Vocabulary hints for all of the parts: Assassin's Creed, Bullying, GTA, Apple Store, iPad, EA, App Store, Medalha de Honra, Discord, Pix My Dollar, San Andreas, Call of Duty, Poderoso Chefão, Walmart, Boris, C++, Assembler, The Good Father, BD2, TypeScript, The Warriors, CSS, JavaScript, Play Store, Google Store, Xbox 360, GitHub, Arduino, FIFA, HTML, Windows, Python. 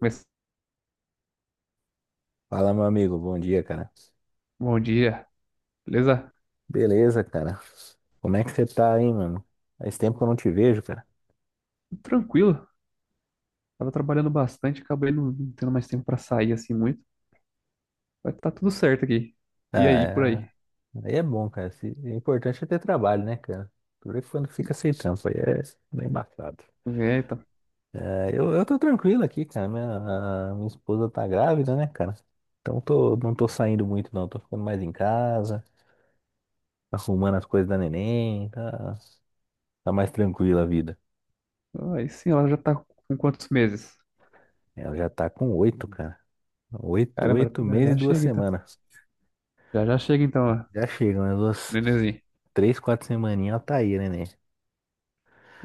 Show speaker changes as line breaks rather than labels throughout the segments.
Começa-
Fala, meu amigo. Bom dia, cara.
Bom dia, beleza?
Beleza, cara. Como é que você tá aí, mano? Faz tempo que eu não te vejo, cara.
Tranquilo. Tava trabalhando bastante, acabei não tendo mais tempo pra sair assim muito. Vai tá tudo certo aqui. E aí, por
Ah,
aí?
aí é bom, cara. Se... O importante é ter trabalho, né, cara? Por isso quando fica sem trampo, aí é bem embaçado.
Eita.
É, eu tô tranquilo aqui, cara. A minha esposa tá grávida, né, cara? Então não tô saindo muito, não. Tô ficando mais em casa, arrumando as coisas da neném. Tá, tá mais tranquila a vida.
Aí sim, ela já tá com quantos meses?
Ela já tá com 8, cara. Oito,
Caramba,
oito
já
meses
já
e duas
chega então.
semanas.
Já já chega então, ó,
Já chegam, né? Duas,
nenenzinho.
três, quatro semaninhas, ela tá aí, né?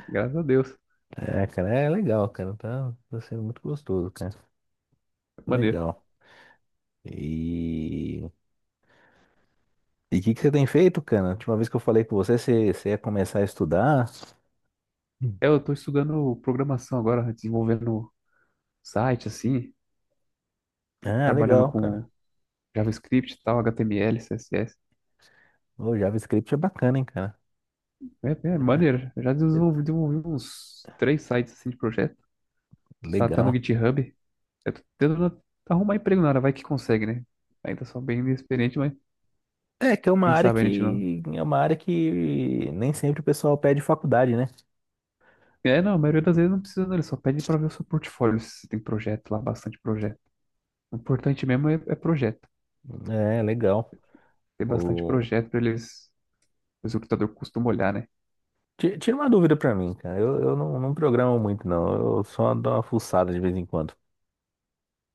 Graças a Deus.
É, cara, é legal, cara. Tá sendo muito gostoso, cara.
Maneiro.
Legal. E e o que que você tem feito, cara? A última vez que eu falei com você, você ia começar a estudar. Hum.
É, eu tô estudando programação agora, desenvolvendo site assim,
Ah,
trabalhando
legal, cara.
com JavaScript e tal, HTML, CSS.
O JavaScript é bacana, hein, cara.
É, é maneiro. Eu já desenvolvi uns três sites assim de projeto. Tá tendo
Legal.
GitHub? Eu tô tentando arrumar emprego na área, vai que consegue, né? Ainda sou bem inexperiente, mas
É, que é uma
quem
área
sabe a gente não.
que é uma área que nem sempre o pessoal pede faculdade, né?
É, não, a maioria das vezes não precisa, não. Ele só pede pra ver o seu portfólio, se você tem projeto lá, bastante projeto. O importante mesmo é projeto.
É, legal.
Tem bastante projeto pra eles, o recrutador costuma olhar, né?
Tira uma dúvida pra mim, cara. Eu não programo muito, não. Eu só dou uma fuçada de vez em quando.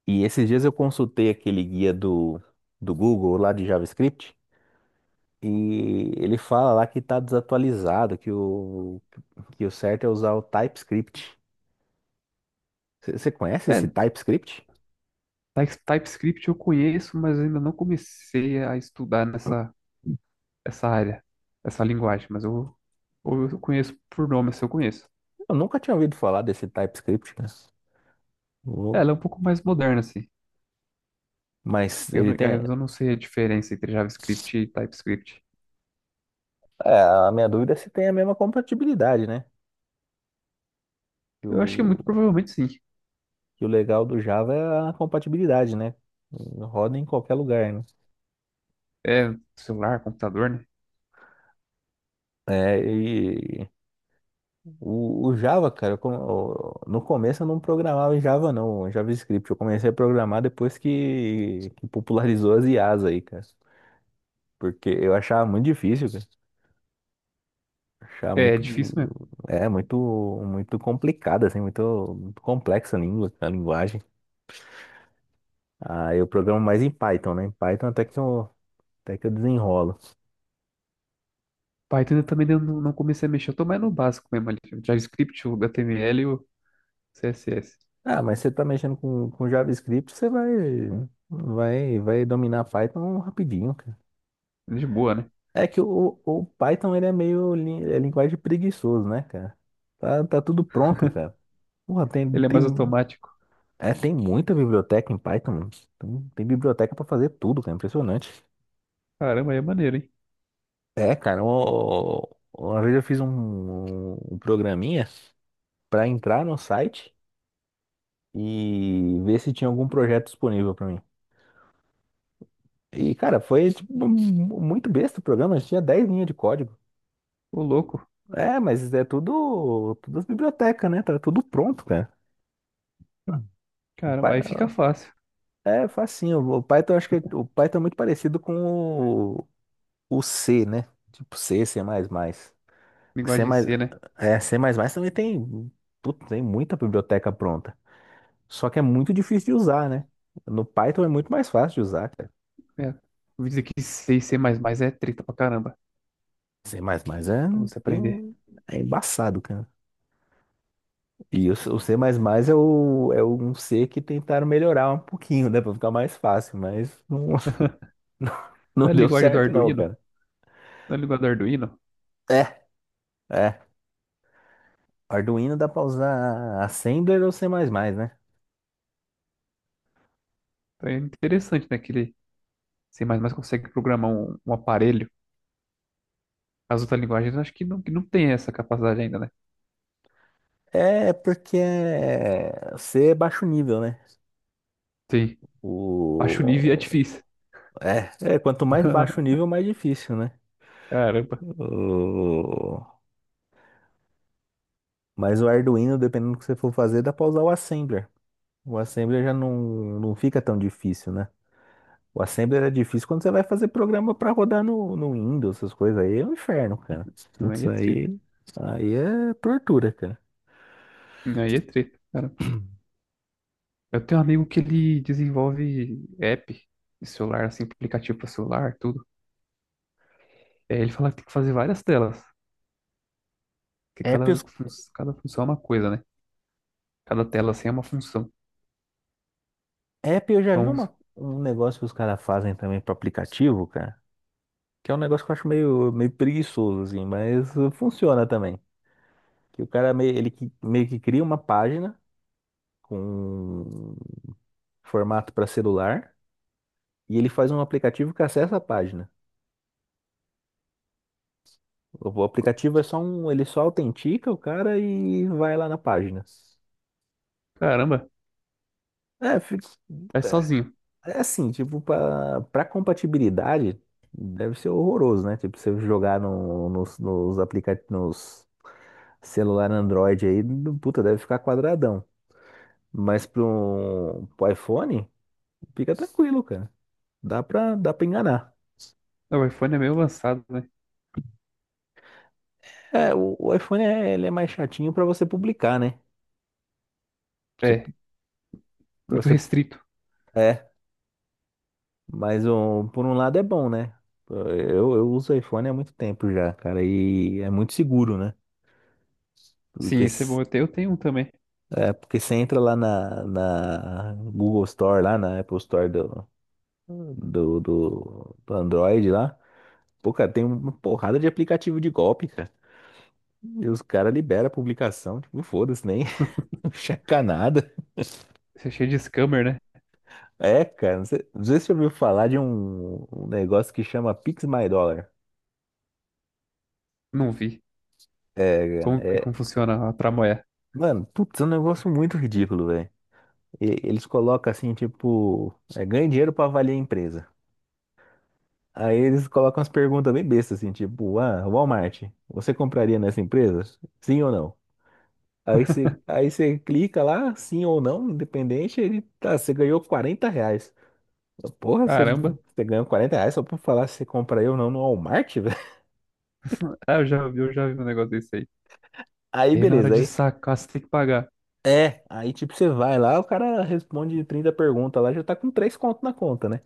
E esses dias eu consultei aquele guia do Google lá de JavaScript, e ele fala lá que tá desatualizado, que o certo é usar o TypeScript. Você conhece esse
É,
TypeScript?
TypeScript eu conheço, mas ainda não comecei a estudar essa área, essa linguagem, mas eu conheço por nome, se eu conheço.
Eu nunca tinha ouvido falar desse TypeScript, cara.
É,
Vou-
ela é um pouco mais moderna, assim.
Mas
Eu
ele
não, é,
tem.
eu não sei a diferença entre JavaScript e TypeScript.
É, a minha dúvida é se tem a mesma compatibilidade, né?
Eu acho que muito provavelmente sim.
E o legal do Java é a compatibilidade, né? Roda em qualquer lugar, né?
É celular, computador, né?
É, e o Java, cara, no começo eu não programava em Java, não, em JavaScript. Eu comecei a programar depois que popularizou as IAs aí, cara. Porque eu achava muito difícil, cara. Achava
É é
muito,
difícil mesmo.
muito, muito complicada, assim, muito, muito complexa a linguagem. Ah, eu programo mais em Python, né? Em Python até que eu desenrolo.
Python eu também não, não comecei a mexer. Eu tô mais no básico mesmo ali. O JavaScript, o HTML e o CSS.
Ah, mas você tá mexendo com JavaScript, você vai dominar Python rapidinho, cara.
De boa, né?
É que o Python, ele é meio é linguagem preguiçoso, né, cara? Tá tudo pronto, cara. Porra, tem,
Ele é mais
tem,
automático.
é, tem muita biblioteca em Python, mano. Tem biblioteca pra fazer tudo, cara. Impressionante.
Caramba, aí é maneiro, hein?
É, cara, uma vez eu fiz um programinha pra entrar no site e ver se tinha algum projeto disponível pra mim. E, cara, foi tipo, muito besta o programa, a gente tinha 10 linhas de código.
Ô, louco.
É, mas é tudo as bibliotecas, né? Tá tudo pronto, cara. O
Caramba,
Py-
aí fica fácil.
é facinho. O Python, acho que o Python é muito parecido com o, o C, né? Tipo C, C++. C++,
Linguagem C, né?
C++ também tem, puta, tem muita biblioteca pronta. Só que é muito difícil de usar, né? No Python é muito mais fácil de usar, cara.
É. Vou dizer que C e C++ é treta pra caramba.
C++
Pra você aprender.
é embaçado, cara. O C++ é um C que tentaram melhorar um pouquinho, né? Pra ficar mais fácil, mas não, não, não
A
deu
linguagem do
certo não,
Arduino.
cara.
A linguagem do Arduino.
É, é. Arduino dá pra usar Assembler ou C++, né?
É interessante, né? Que ele C++ consegue programar um, um aparelho. As outras linguagens, eu acho que não tem essa capacidade ainda, né?
É porque C é baixo nível, né?
Sim. Baixa nível é
O...
difícil.
é, quanto mais baixo o nível, mais difícil, né?
Caramba,
O- Mas o Arduino, dependendo do que você for fazer, dá pra usar o Assembler. O Assembler já não fica tão difícil, né? O Assembly era difícil quando você vai fazer programa pra rodar no Windows, essas coisas aí é um inferno, cara.
aí
Putz,
é treta.
aí é tortura, cara.
Aí é treta, caramba. Eu tenho um amigo que ele desenvolve app de celular, assim, aplicativo para celular, tudo. É, ele fala que tem que fazer várias telas, que
App,
cada,
os-
fun- cada função é uma coisa, né? Cada tela, assim, é uma função.
app eu já vi
Então,
uma, um negócio que os caras fazem também para aplicativo, cara, que é um negócio que eu acho meio, meio preguiçoso, assim, mas funciona também. Que o cara meio que cria uma página com formato para celular, e ele faz um aplicativo que acessa a página. O aplicativo é ele só autentica o cara e vai lá na página.
caramba,
É,
vai
é
sozinho.
é assim, tipo, pra compatibilidade deve ser horroroso, né? Tipo, você jogar no, nos, nos aplicativos, nos celular Android aí, puta, deve ficar quadradão. Mas pro iPhone, fica tranquilo, cara. Dá pra enganar.
O iPhone é meio avançado, né?
É, o iPhone é, ele é mais chatinho pra você publicar, né? Você,
É,
pra
muito
você,
restrito.
é, mas um, Por um lado é bom, né? Eu uso iPhone há muito tempo já, cara, e é muito seguro, né?
Sim,
Porque
isso é bom. Eu tenho um também.
porque você entra lá na Google Store, lá na Apple Store do Android lá. Pô, cara, tem uma porrada de aplicativo de golpe, cara. E os caras liberam a publicação, tipo, foda-se, nem não checa nada.
Isso é cheio de scammer, né?
É, cara, não sei se você ouviu falar de um negócio que chama Pix My Dollar.
Não vi.
É, cara,
Como que
é,
como funciona a tramoia?
mano, putz, é um negócio muito ridículo, velho. Eles colocam assim, tipo, ganha dinheiro pra avaliar a empresa. Aí eles colocam umas perguntas bem bestas, assim, tipo, ah, Walmart, você compraria nessa empresa? Sim ou não? Aí você clica lá, sim ou não, independente, ele tá, você ganhou R$ 40. Porra, você,
Caramba.
você ganhou R$ 40 só pra falar se você compraria ou não no Walmart, velho?
Ah, eu já vi um negócio desse aí.
Aí
E aí na hora
beleza,
de
aí.
sacar, você tem que pagar.
É, aí tipo, você vai lá, o cara responde 30 perguntas lá, já tá com 3 conto na conta, né?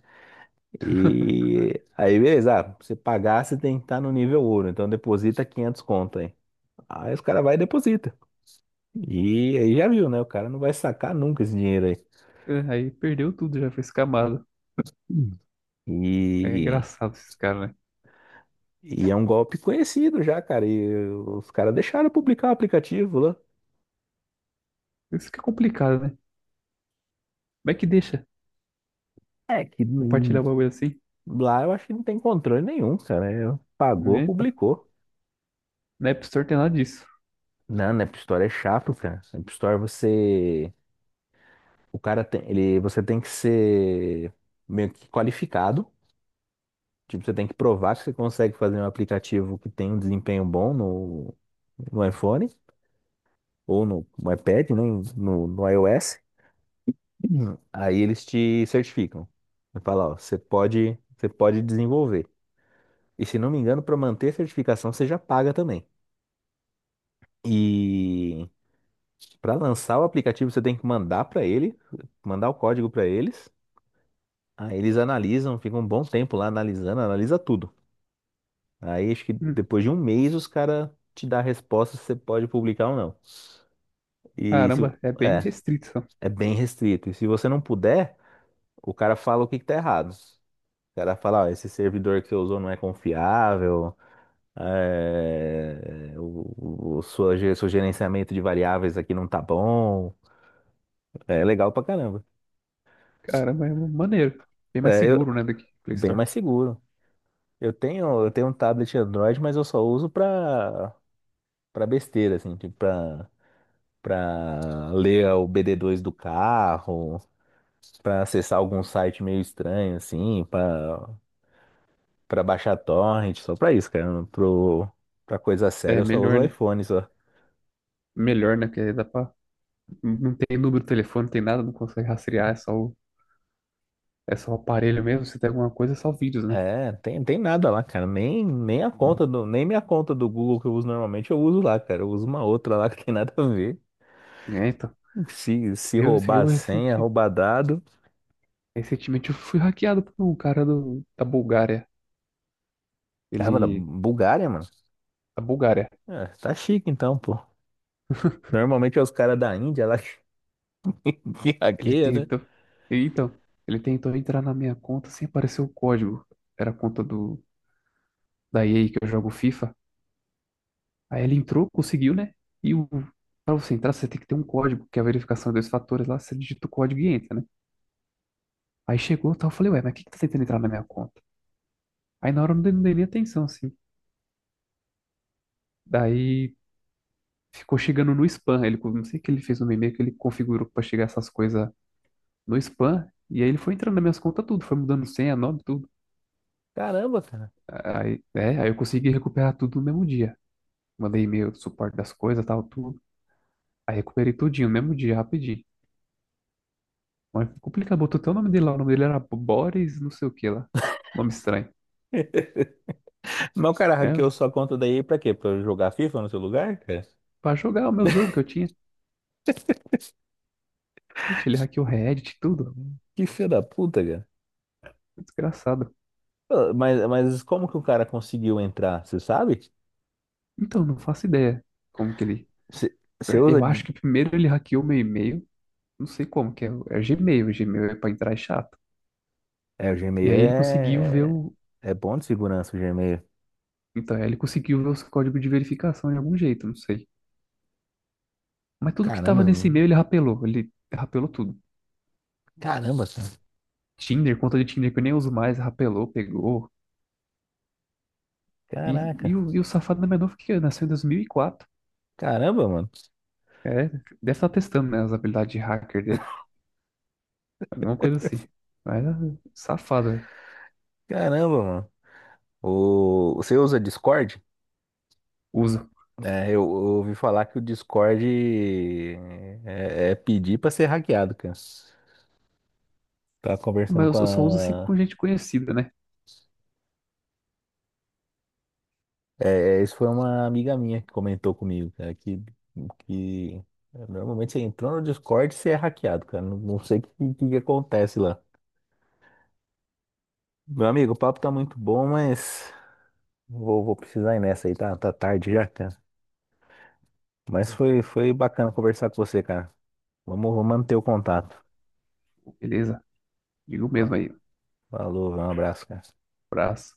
E aí beleza, ah, pra você pagar, você tem que estar no nível ouro, então deposita 500 conto aí. Aí os caras vai e deposita. E aí já viu, né? O cara não vai sacar nunca esse dinheiro aí.
É, aí perdeu tudo, já foi escamado.
Hum.
É
E,
engraçado esses caras, né?
e é um golpe conhecido já, cara. E os caras deixaram publicar o aplicativo lá.
Isso que é complicado, né? Como é que deixa
É que
compartilhar o bagulho assim?
lá eu acho que não tem controle nenhum, cara. É, pagou,
Né?
publicou.
Na App Store tem nada disso.
Não, na App Store é chato, cara. Na App Store você. O cara tem. Você tem que ser meio que qualificado. Tipo, você tem que provar que você consegue fazer um aplicativo que tem um desempenho bom no iPhone, ou no iPad, né? No iOS. Uhum. Aí eles te certificam. Você fala, ó, você pode desenvolver. E se não me engano, para manter a certificação, você já paga também. E para lançar o aplicativo, você tem que mandar o código para eles. Aí eles analisam, ficam um bom tempo lá analisando, analisa tudo. Aí acho que
Hum.
depois de um mês os caras te dão a resposta se você pode publicar ou não. E se,
Caramba, é bem
é,
restrito.
é bem restrito. E se você não puder, o cara fala o que que tá errado. O cara fala, ó, esse servidor que você usou não é confiável, seu gerenciamento de variáveis aqui não tá bom. É legal pra caramba.
Cara, mas é maneiro. Bem mais
É,
seguro, né, do que Play
bem
Store.
mais seguro. Eu tenho um tablet Android, mas eu só uso pra, besteira, assim, tipo pra ler o BD2 do carro, pra acessar algum site meio estranho, assim, pra baixar torrent, só pra isso, cara. Pra coisa séria
É
eu só uso
melhor,
o
né?
iPhone, só.
Melhor, né? Porque dá pra... Não tem número de telefone, não tem nada, não consegue rastrear, é só o aparelho mesmo. Se tem alguma coisa, é só vídeos, né?
É, tem nada lá, cara. Nem a conta do, nem minha conta do Google que eu uso normalmente eu uso lá, cara. Eu uso uma outra lá que tem nada a ver.
É, então.
Se
Eu,
roubar a senha, roubar dado.
recentemente eu fui hackeado por um cara do, da Bulgária.
Cara, mano,
Ele.
Bulgária, mano.
Da Bulgária.
É, tá chique então, pô. Normalmente é os caras da Índia lá
Ele
que né?
tentou. Então, ele tentou entrar na minha conta sem aparecer o código. Era a conta do da EA que eu jogo FIFA. Aí ele entrou, conseguiu, né? E o, para você entrar, você tem que ter um código, que é a verificação de dois fatores lá, você digita o código e entra, né? Aí chegou, tal, eu falei, ué, mas quem que tá tentando entrar na minha conta? Aí na hora eu não dei, não dei nem atenção, assim. Daí ficou chegando no spam. Ele, não sei o que ele fez no meu e-mail, que ele configurou pra chegar essas coisas no spam. E aí ele foi entrando nas minhas contas tudo, foi mudando senha, nome, tudo.
Caramba, cara.
Aí, é, aí eu consegui recuperar tudo no mesmo dia. Mandei e-mail do suporte das coisas, tal, tudo. Aí recuperei tudinho, mesmo dia, rapidinho. Mas complicado, botou até o nome dele lá. O nome dele era Boris, não sei o que lá. Nome estranho,
Mas o cara hackeou
né?
sua conta daí pra quê? Pra eu jogar FIFA no seu lugar, cara?
Pra jogar o meu jogo que eu tinha. Ixi, ele hackeou Reddit, e tudo.
Que filho da puta, cara.
Desgraçado.
Pô, mas como que o cara conseguiu entrar? Você sabe?
Então, não faço ideia como que ele.
Você usa.
Eu acho que primeiro ele hackeou meu e-mail. Não sei como, que é, o- é o Gmail. O Gmail é pra entrar é chato.
É, o
E
Gmail
aí ele conseguiu ver
é,
o.
é bom de segurança, o Gmail.
Então, ele conseguiu ver os códigos de verificação de algum jeito, não sei. Mas tudo que
Caramba,
tava nesse
mano.
e-mail ele rapelou. Ele rapelou tudo.
Caramba, cara.
Tinder, conta de Tinder que eu nem uso mais, rapelou, pegou. E,
Caraca.
e o safado da menor que nasceu em 2004.
Caramba, mano.
É, deve estar testando, né, as habilidades de hacker dele, alguma coisa assim. Mas é safado, velho.
Caramba, mano. Você usa Discord?
Uso.
É, eu ouvi falar que o Discord é pedir pra ser hackeado, cara. Tava conversando com
Mas eu só uso assim
a.
com gente conhecida, né?
É, é, isso foi uma amiga minha que comentou comigo, cara, que normalmente você entrou no Discord e você é hackeado, cara. Não, não sei que acontece lá. Meu amigo, o papo tá muito bom, mas vou precisar ir nessa aí, tá tarde já, cara. Mas foi bacana conversar com você, cara. Vamos manter o contato.
Beleza, digo mesmo
Fa-
aí.
Falou, um abraço, cara.
Abraço.